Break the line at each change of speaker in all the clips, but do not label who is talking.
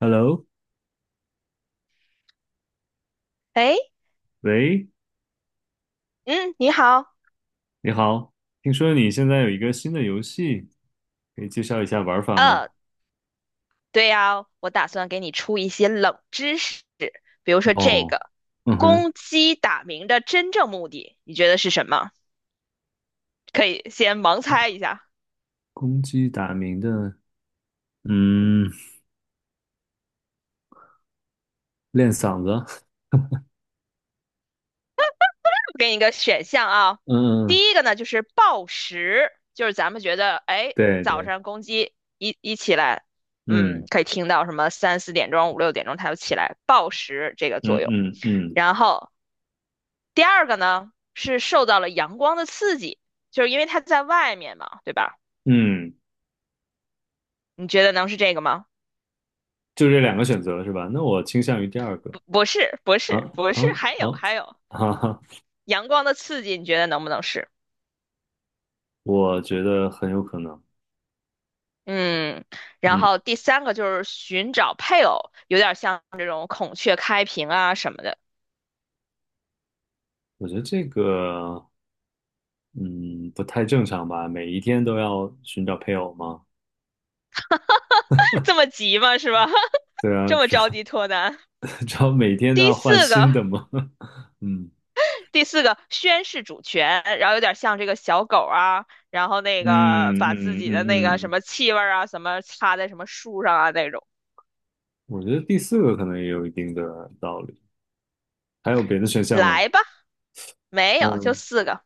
Hello，
哎，
喂，
嗯，你好，
你好。听说你现在有一个新的游戏，可以介绍一下玩法吗？
呃，对呀，我打算给你出一些冷知识，比如说这
哦，
个，
嗯哼。
公鸡打鸣的真正目的，你觉得是什么？可以先盲猜一下。
公鸡打鸣的，嗯，练嗓子。
我给你一个选项啊。
嗯，嗯，
第一个呢，就是报时，就是咱们觉得，哎，
对
早
对，
上公鸡一起来，嗯，
嗯
可以听到什么三四点钟、五六点钟它就起来报时这个作
嗯
用。
嗯嗯
然后第二个呢是受到了阳光的刺激，就是因为它在外面嘛，对吧？
嗯。
你觉得能是这个吗？
就这两个选择是吧？那我倾向于第二个。
不，不是，不
啊，
是，不是，
啊，
还有
哦，
还有
哈哈。
阳光的刺激，你觉得能不能是？
我觉得很有可能。
嗯，然
嗯，
后第三个就是寻找配偶，有点像这种孔雀开屏啊什么的。
我觉得这个，嗯，不太正常吧？每一天都要寻找配偶吗？
这么急吗？是吧？
对
这
啊，
么着 急脱单？
知道每天都
第
要换
四
新
个
的吗？嗯
第四个宣誓主权，然后有点像这个小狗啊，然后那
嗯
个把自
嗯
己的那个
嗯
什
嗯，
么气味儿啊，什么插在什么树上啊那种。
我觉得第四个可能也有一定的道理。还有别的选项吗？
来吧，没有，就
嗯，
四个。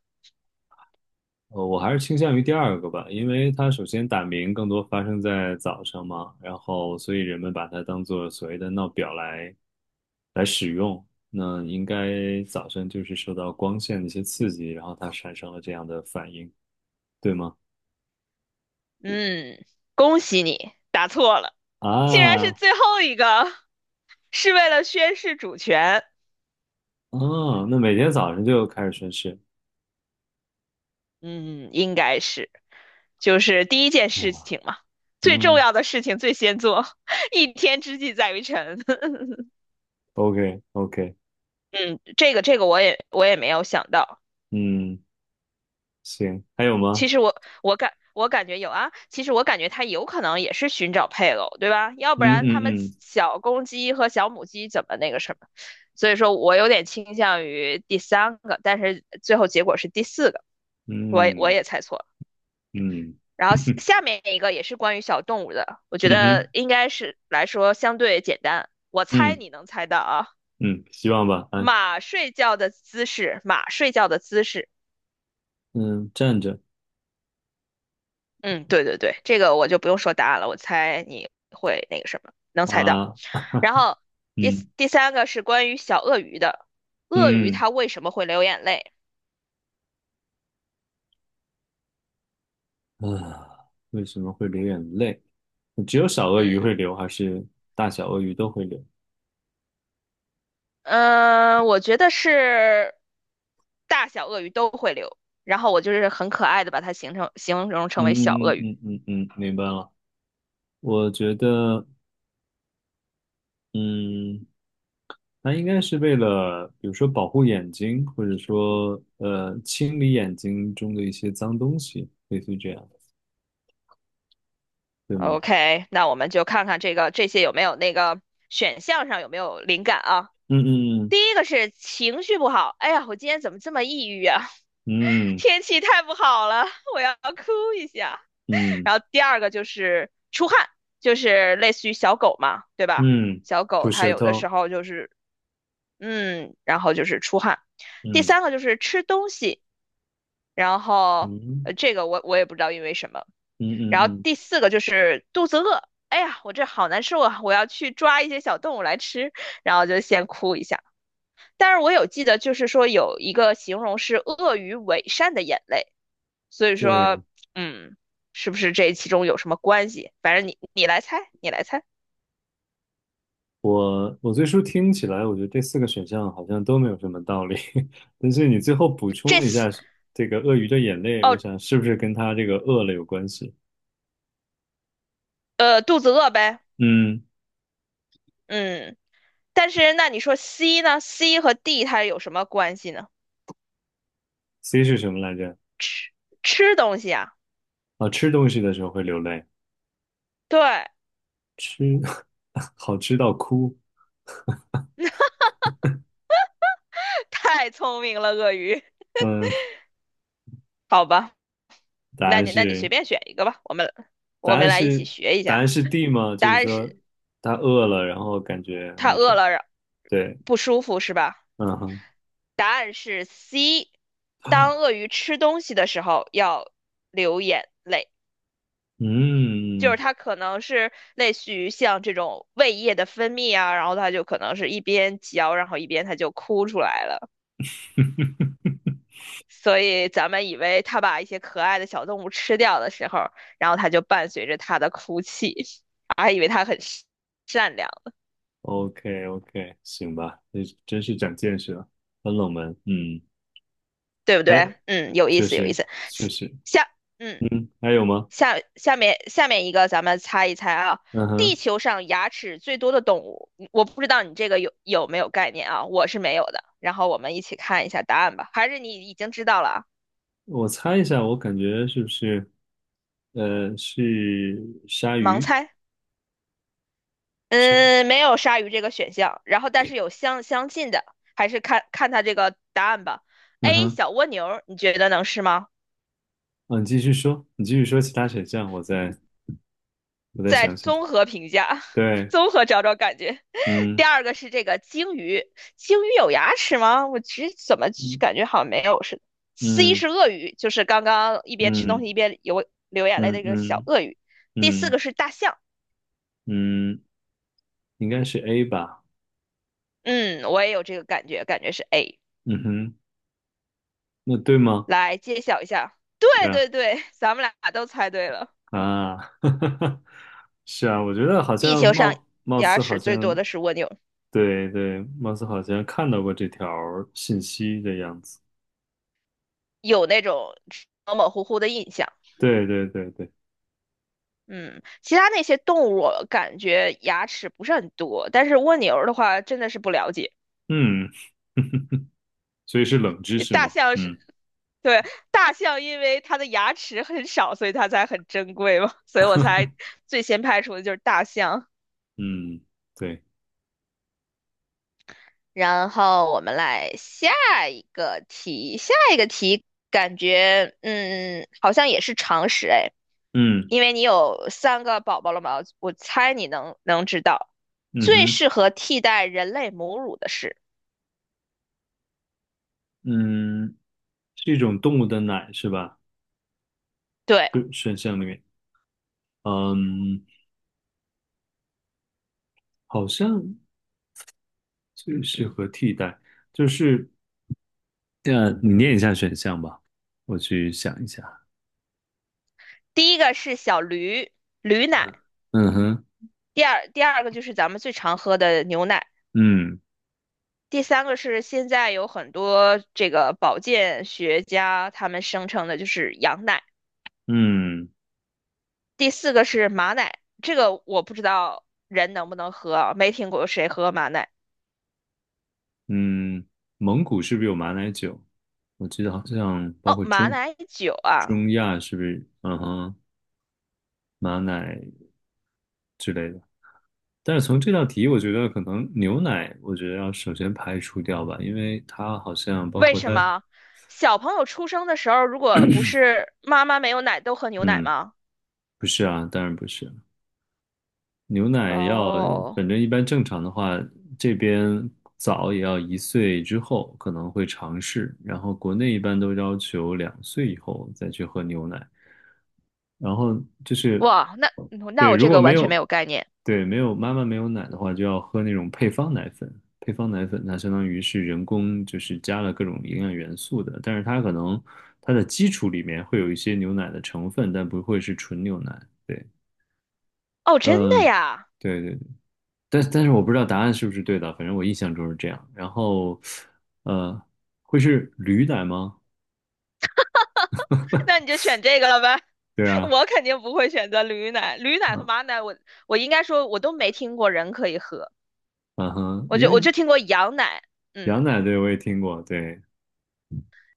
我还是倾向于第二个吧，因为它首先打鸣更多发生在早上嘛，然后所以人们把它当做所谓的闹表来使用。那应该早晨就是受到光线的一些刺激，然后它产生了这样的反应，对吗？
嗯，恭喜你答错了，竟然是
啊，
最后一个，是为了宣誓主权。
哦，那每天早上就开始宣誓。
嗯，应该是，就是第一件事
哇，
情嘛，最重
嗯
要的事情最先做。一天之计在于晨。
，OK OK，
嗯，这个我也没有想到。
嗯，行，还有吗？
其实我感觉有啊，其实我感觉它有可能也是寻找配偶，对吧？要
嗯
不然他们
嗯
小公鸡和小母鸡怎么那个什么？所以说我有点倾向于第三个，但是最后结果是第四个，我也我
嗯嗯
也猜错了。
嗯，
然后下 下面一个也是关于小动物的，我觉
嗯哼，
得应该是来说相对简单，我猜
嗯
你能猜到啊。
嗯，希望吧，啊。
马睡觉的姿势，马睡觉的姿势。
嗯，站着。
嗯，对对对，这个我就不用说答案了，我猜你会那个什么，能猜到。
啊，
然后第四
嗯
第三个是关于小鳄鱼的，鳄鱼
嗯。
它为什么会流眼泪？
啊，为什么会流眼泪？只有小鳄鱼会
嗯
流，还是大小鳄鱼都会流？
我觉得是大小鳄鱼都会流，然后我就是很可爱的把它形容成为小
嗯
鳄
嗯
鱼。
嗯嗯嗯嗯，明白了。我觉得，嗯。那应该是为了，比如说保护眼睛，或者说清理眼睛中的一些脏东西，类似于这样，对吗？
OK，那我们就看看这个这些有没有那个选项上有没有灵感啊？
嗯嗯
第一个是情绪不好，哎呀，我今天怎么这么抑郁啊？
嗯
天气太不好了，我要哭一下。
嗯
然后第二个就是出汗，就是类似于小狗嘛，对吧？
嗯嗯，
小狗
吐
它
舌
有的时
头。
候就是然后就是出汗。第
嗯
三个就是吃东西，然后
嗯
这个我也不知道因为什么。
嗯嗯
然后
嗯，
第四个就是肚子饿，哎呀，我这好难受啊，我要去抓一些小动物来吃，然后就先哭一下。但是我有记得，就是说有一个形容是鳄鱼伪善的眼泪，所以
对，
说，嗯，是不是这其中有什么关系？反正你来猜，你来猜，
我最初听起来，我觉得这四个选项好像都没有什么道理。但是你最后补充
这
了一
四
下这个鳄鱼的眼泪，我想是不是跟它这个饿了有关系？
肚子饿呗。
嗯
嗯，但是那你说 C 呢？C 和 D 它有什么关系呢？
，C 是什么来着？
吃吃东西啊。
啊，吃东西的时候会流泪。
对。
吃， 好吃到哭。
太聪明了，鳄鱼。
嗯，
好吧，
答
那
案
你那你随
是，
便选一个吧，我们
答
我
案
们来一起
是，
学一
答案
下。
是 D 吗？
答
就是
案
说
是
他饿了，然后感觉
它
那
饿
种
了，
对，
不舒服是吧？
嗯哼，
答案是 C。当鳄 鱼吃东西的时候，要流眼泪。就是
嗯
它可能是类似于像这种胃液的分泌啊，然后它就可能是一边嚼，然后一边它就哭出来了。所以咱们以为它把一些可爱的小动物吃掉的时候，然后它就伴随着它的哭泣，还以为它很善良，
，OK OK，行吧。这真是长见识了，很冷门，嗯。
对不对？
哎，
嗯，有意
确
思，有意
实
思。
确实。
下，嗯。
嗯，还有吗？
下面一个，咱们猜一猜啊，
嗯
地
哼。
球上牙齿最多的动物，我不知道你这个有没有概念啊，我是没有的。然后我们一起看一下答案吧，还是你已经知道了啊？
我猜一下，我感觉是不是呃是鲨
盲
鱼？
猜？
鲨，
嗯，没有鲨鱼这个选项，然后但是有相近的，还是看看它这个答案吧。
嗯
A
哼。
小蜗牛，你觉得能是吗？
嗯，你继续说，你继续说其他选项，我再
再
想
综
想。
合评价，
对，
综合找找感觉。第
嗯
二个是这个鲸鱼，鲸鱼有牙齿吗？我其实怎么
嗯
感觉好像没有似的。C
嗯
是鳄鱼，就是刚刚一边吃东
嗯
西一边流眼泪
嗯
的一个小
嗯
鳄鱼。第四
嗯
个是大象，
嗯，应该是 A 吧？
嗯，我也有这个感觉，感觉是 A。
嗯哼，那对吗？
来揭晓一下，
对
对
啊，
对对，咱们俩都猜对了。
啊，是啊，我觉得好
地
像
球上
貌貌
牙
似好
齿最多
像，
的是蜗牛，
对对，貌似好像看到过这条信息的样子。
有那种模模糊糊的印象。
对对对对，
嗯，其他那些动物我感觉牙齿不是很多，但是蜗牛儿的话真的是不了解。
嗯。所以是冷知识
大
嘛？
象是，
嗯
对，大象因为它的牙齿很少，所以它才很珍贵嘛，所以我才最先排除的就是大象。
嗯，对，
然后我们来下一个题感觉好像也是常识哎，
嗯
因为你有三个宝宝了嘛，我猜你能知道
嗯
最
哼。
适合替代人类母乳的是。
嗯，是一种动物的奶是吧？
对，
就选项里面，嗯，好像最适合替代，就是这样，你念一下选项吧，我去想一下。
第一个是驴奶，
嗯哼，
第二个就是咱们最常喝的牛奶，
嗯
第三个是现在有很多这个保健学家他们声称的就是羊奶，
嗯
第四个是马奶，这个我不知道人能不能喝啊，没听过谁喝马奶。
嗯。蒙古是不是有马奶酒？我记得好像包
哦，
括
马
中
奶酒啊。
中亚是不是？嗯哼，马奶之类的。但是从这道题，我觉得可能牛奶，我觉得要首先排除掉吧，因为它好像包
为
括
什
它，
么？小朋友出生的时候，如果不是妈妈没有奶，都喝牛奶
嗯。
吗？
不是啊，当然不是。牛奶要，
哦，
反正一般正常的话，这边早也要1岁之后可能会尝试，然后国内一般都要求2岁以后再去喝牛奶。然后就是，
哇，那
对，
我
如
这
果
个
没
完全没
有，
有概念。
对，没有妈妈没有奶的话，就要喝那种配方奶粉。配方奶粉它相当于是人工，就是加了各种营养元素的，但是它可能它的基础里面会有一些牛奶的成分，但不会是纯牛奶。对。
哦，真的
嗯，
呀。
对对对，但是我不知道答案是不是对的，反正我印象中是这样。然后，呃，会是驴奶吗？
那你就选这个了呗。
对 啊，
我肯定不会选择驴奶，驴奶和
嗯
马奶我应该说我都没听过人可以喝，
嗯哼，
我
因
就我
为
就听过羊奶。嗯，
羊奶对我也听过，对，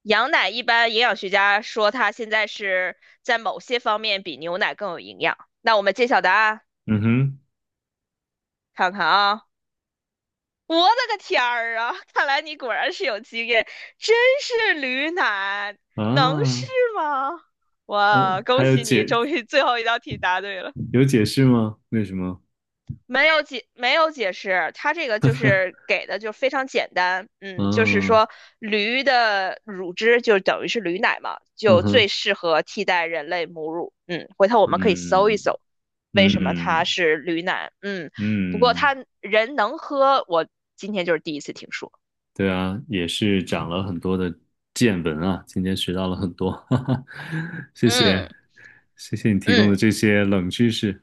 羊奶一般营养学家说它现在是在某些方面比牛奶更有营养。那我们揭晓答案，
嗯
看看啊，我的个天儿啊，看来你果然是有经验，真是驴奶，
哼，
能是
啊，
吗？哇，
还
恭
有
喜你，
解，
终于最后一道题答对了。
有解释吗？为什么？
没有解释，它这个就是给的就非常简单，嗯，就是
嗯
说驴的乳汁就等于是驴奶嘛，
嗯
就最
哼，
适合替代人类母乳，嗯，回头我们可以搜一
嗯
搜，为什么它
嗯
是驴奶。嗯，不过
嗯。
它人能喝，我今天就是第一次听说。
对啊，也是长了很多的见闻啊，今天学到了很多，哈哈，谢谢，
嗯
谢谢你提供的
嗯
这些冷知识。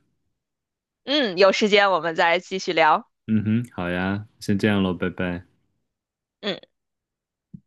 嗯，有时间我们再继续聊，
嗯哼，好呀，先这样喽，拜拜。
嗯。